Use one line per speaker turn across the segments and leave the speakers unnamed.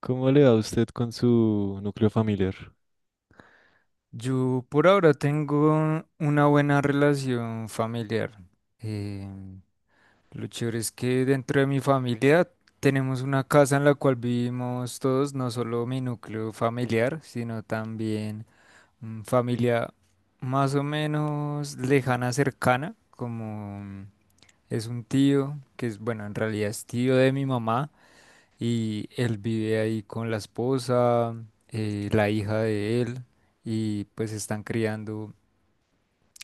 ¿Cómo le va a usted con su núcleo familiar?
Yo por ahora tengo una buena relación familiar. Eh, lo chévere es que dentro de mi familia tenemos una casa en la cual vivimos todos, no solo mi núcleo familiar, sino también familia más o menos lejana, cercana, como es un tío, que es, bueno, en realidad es tío de mi mamá y él vive ahí con la esposa, la hija de él y pues están criando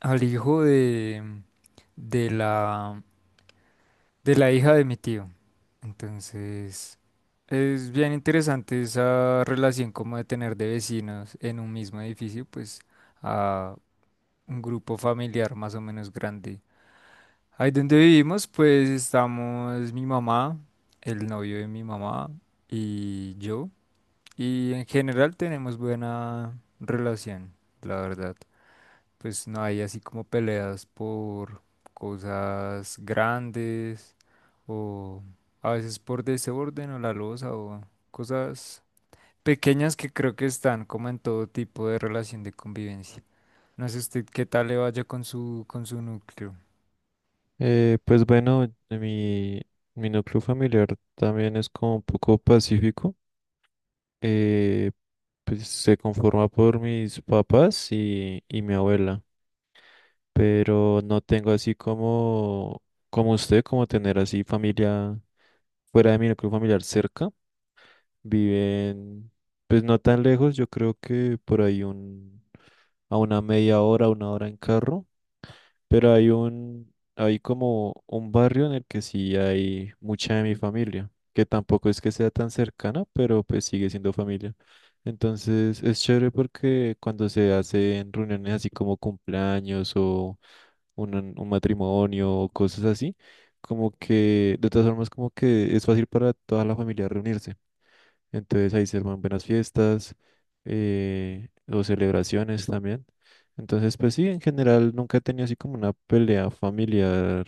al hijo de la, de la hija de mi tío. Entonces, es bien interesante esa relación como de tener de vecinos en un mismo edificio, pues a un grupo familiar más o menos grande. Ahí donde vivimos, pues estamos mi mamá, el novio de mi mamá y yo. Y en general tenemos buena relación, la verdad. Pues no hay así como peleas por cosas grandes o a veces por desorden o la loza o cosas pequeñas que creo que están como en todo tipo de relación de convivencia. No sé usted qué tal le vaya con su núcleo.
Pues bueno, mi núcleo familiar también es como un poco pacífico. eh, pues se conforma por mis papás y mi abuela, pero no tengo así como, como usted, como tener así familia fuera de mi núcleo familiar cerca. Viven, pues no tan lejos, yo creo que a una media hora, una hora en carro. Pero hay como un barrio en el que sí hay mucha de mi familia, que tampoco es que sea tan cercana, pero pues sigue siendo familia. Entonces es chévere porque cuando se hacen reuniones así como cumpleaños o un matrimonio o cosas así, como que de todas formas como que es fácil para toda la familia reunirse. Entonces ahí se arman buenas fiestas o celebraciones también. Entonces, pues sí, en general nunca he tenido así como una pelea familiar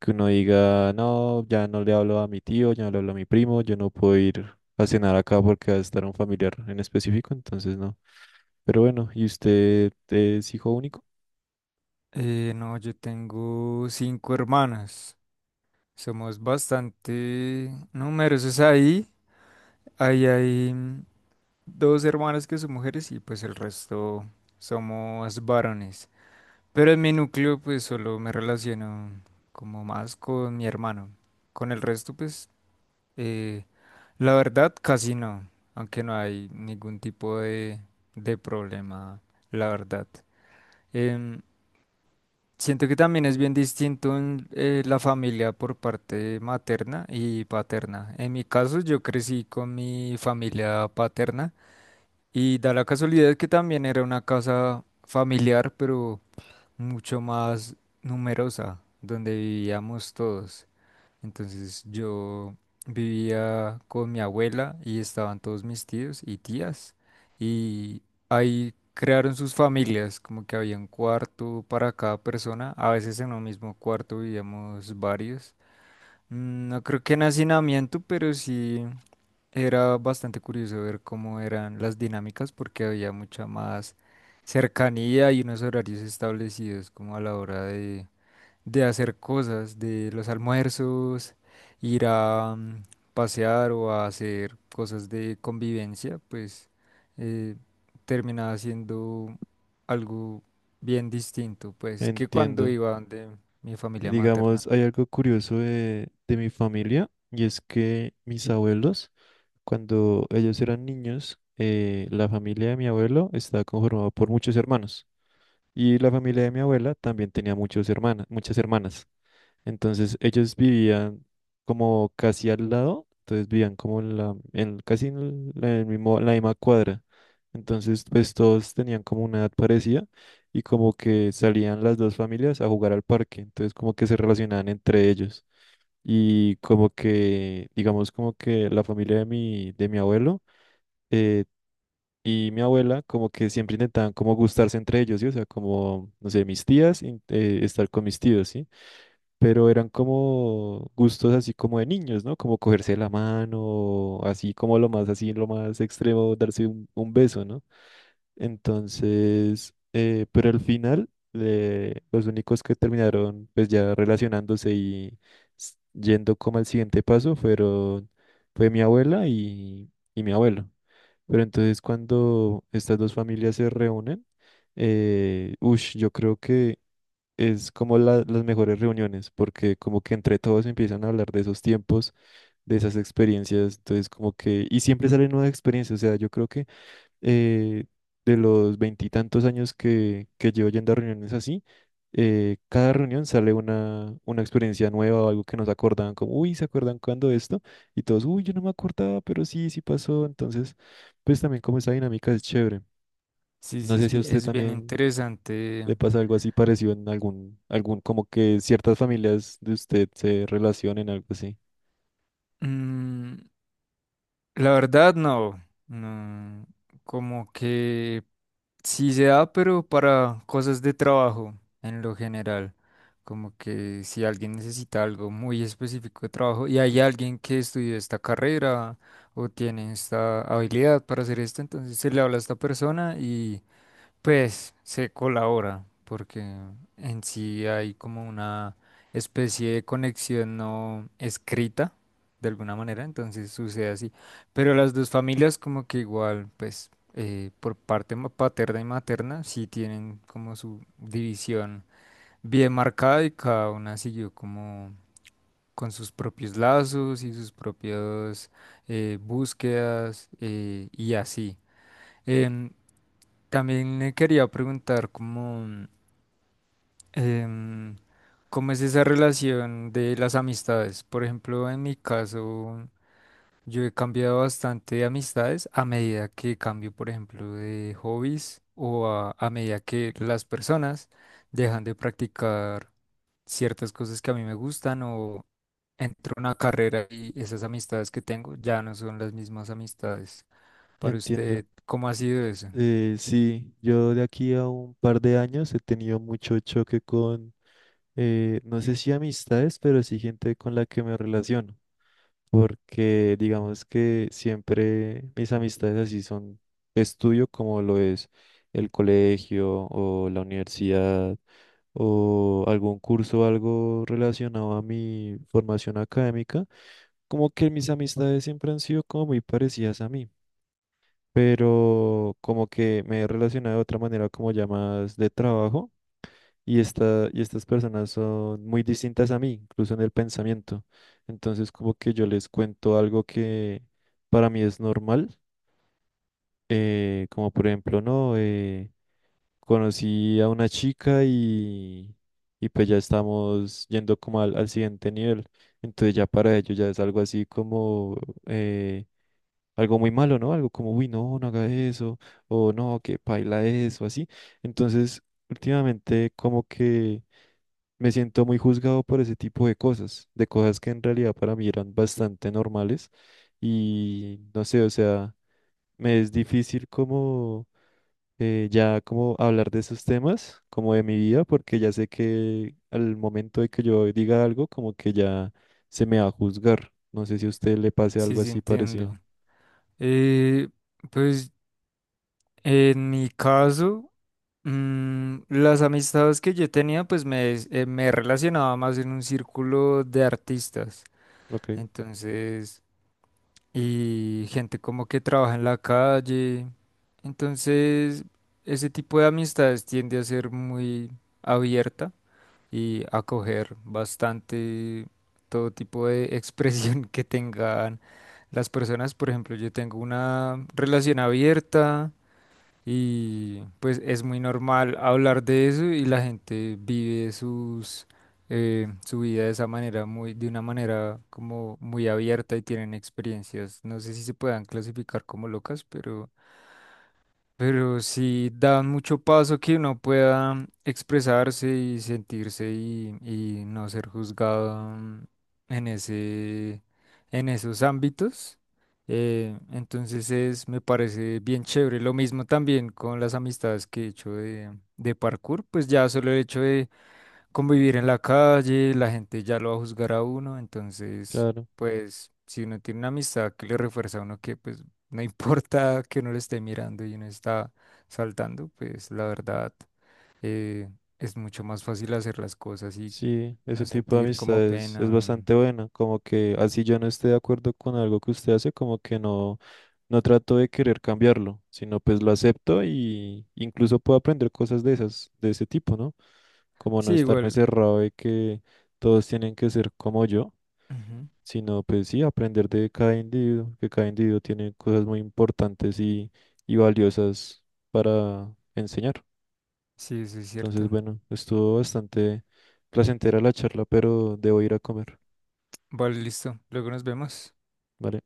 que uno diga, no, ya no le hablo a mi tío, ya no le hablo a mi primo, yo no puedo ir a cenar acá porque va a estar un familiar en específico, entonces no. Pero bueno, ¿y usted es hijo único?
No, yo tengo cinco hermanas. Somos bastante numerosos ahí. Ahí hay dos hermanas que son mujeres y pues el resto somos varones. Pero en mi núcleo pues solo me relaciono como más con mi hermano. Con el resto pues eh, la verdad casi no, aunque no hay ningún tipo de problema, la verdad. Em, Siento que también es bien distinto en, la familia por parte materna y paterna. En mi caso yo crecí con mi familia paterna y da la casualidad que también era una casa familiar, pero mucho más numerosa, donde vivíamos todos. Entonces yo vivía con mi abuela y estaban todos mis tíos y tías y ahí crearon sus familias, como que había un cuarto para cada persona. A veces en un mismo cuarto vivíamos varios. No creo que en hacinamiento, pero sí. Era bastante curioso ver cómo eran las dinámicas porque había mucha más cercanía y unos horarios establecidos como a la hora de hacer cosas, de los almuerzos, ir a pasear o a hacer cosas de convivencia, pues eh, terminaba siendo algo bien distinto, pues que cuando
Entiendo.
iba donde mi familia materna.
Digamos, hay algo curioso de mi familia y es que mis abuelos cuando ellos eran niños, la familia de mi abuelo estaba conformada por muchos hermanos y la familia de mi abuela también tenía muchos hermanas, muchas hermanas. Entonces ellos vivían como casi al lado, entonces vivían como en la, en, casi en el mismo, la misma cuadra. Entonces pues todos tenían como una edad parecida y como que salían las dos familias a jugar al parque, entonces como que se relacionaban entre ellos. Y como que, digamos como que la familia de mi abuelo eh, y mi abuela como que siempre intentaban como gustarse entre ellos, ¿sí? O sea, como, no sé, mis tías, estar con mis tíos, ¿sí? Pero eran como gustos así como de niños, ¿no? Como cogerse la mano, así como lo más, así lo más extremo, darse un beso, ¿no? Entonces, pero al final, los únicos que terminaron pues ya relacionándose y yendo como al siguiente paso fueron, fue mi abuela y mi abuelo. Pero entonces cuando estas dos familias se reúnen, ush, yo creo que es como las mejores reuniones, porque como que entre todos empiezan a hablar de esos tiempos, de esas experiencias, entonces como que, y siempre salen nuevas experiencias, o sea, yo creo que eh, de los 20 y tantos años que llevo yendo a reuniones así, cada reunión sale una experiencia nueva o algo que nos acordaban, como, uy, ¿se acuerdan cuando esto? Y todos, uy, yo no me acordaba, pero sí, sí pasó. Entonces, pues también como esa dinámica es chévere.
Sí,
No
sí,
sé
es,
si a usted
es bien
también
interesante.
le pasa algo así parecido en algún, algún, como que ciertas familias de usted se relacionen, algo así.
mm, La verdad, no. No. Como que sí se da, pero para cosas de trabajo en lo general. Como que si alguien necesita algo muy específico de trabajo y hay alguien que estudió esta carrera o tiene esta habilidad para hacer esto, entonces se le habla a esta persona y pues se colabora, porque en sí hay como una especie de conexión no escrita, de alguna manera, entonces sucede así. Pero las dos familias como que igual, pues por parte paterna y materna, sí tienen como su división bien marcada y cada una siguió como con sus propios lazos y sus propias búsquedas y así. Em, También me quería preguntar cómo, em, cómo es esa relación de las amistades. Por ejemplo, en mi caso, yo he cambiado bastante de amistades a medida que cambio, por ejemplo, de hobbies o a medida que las personas dejan de practicar ciertas cosas que a mí me gustan o entro a una carrera y esas amistades que tengo ya no son las mismas amistades. Para
Entiendo.
usted, ¿cómo ha sido eso?
Sí, yo de aquí a un par de años he tenido mucho choque con no sé si amistades, pero sí gente con la que me relaciono, porque digamos que siempre mis amistades así son estudio como lo es el colegio o la universidad o algún curso o algo relacionado a mi formación académica, como que mis amistades siempre han sido como muy parecidas a mí, pero como que me he relacionado de otra manera como ya más de trabajo. Y estas personas son muy distintas a mí, incluso en el pensamiento. Entonces, como que yo les cuento algo que para mí es normal, como por ejemplo, no, conocí a una chica y pues ya estamos yendo como al, al siguiente nivel. Entonces ya para ellos ya es algo así como eh, algo muy malo, ¿no? Algo como, uy, no, no haga eso, o no, que paila eso, así. Entonces, últimamente como que me siento muy juzgado por ese tipo de cosas que en realidad para mí eran bastante normales y no sé, o sea, me es difícil como ya como hablar de esos temas, como de mi vida, porque ya sé que al momento de que yo diga algo, como que ya se me va a juzgar. No sé si a usted le pase
Sí,
algo
sí,
así parecido.
entiendo. Eh, pues en mi caso, las amistades que yo tenía, pues me relacionaba más en un círculo de artistas.
Ok,
Entonces, y gente como que trabaja en la calle. Entonces, ese tipo de amistades tiende a ser muy abierta y a acoger bastante todo tipo de expresión que tengan las personas. Por ejemplo, yo tengo una relación abierta. Y pues es muy normal hablar de eso y la gente vive su vida de esa manera, muy, de una manera como muy abierta y tienen experiencias. No sé si se puedan clasificar como locas, pero sí dan mucho paso que uno pueda expresarse y sentirse y no ser juzgado en ese, en esos ámbitos. Entonces es, me parece bien chévere. Lo mismo también con las amistades que he hecho de parkour, pues ya solo el hecho de convivir en la calle, la gente ya lo va a juzgar a uno, entonces,
claro.
pues, si uno tiene una amistad que le refuerza a uno que, pues, no importa que uno le esté mirando y uno está saltando, pues, la verdad, eh, es mucho más fácil hacer las cosas y
Sí, ese
no
tipo de
sentir como
amistades
pena.
es bastante buena, como que así yo no esté de acuerdo con algo que usted hace, como que no. No trato de querer cambiarlo, sino pues lo acepto y incluso puedo aprender cosas de esas, de ese tipo, ¿no? Como
Sí,
no estarme
igual.
cerrado de que todos tienen que ser como yo,
Ujú.
sino pues sí, aprender de cada individuo, que cada individuo tiene cosas muy importantes y valiosas para enseñar.
Sí, eso es
Entonces,
cierto.
bueno, estuvo bastante placentera la charla, pero debo ir a comer,
Vale, listo. Luego nos vemos.
¿vale?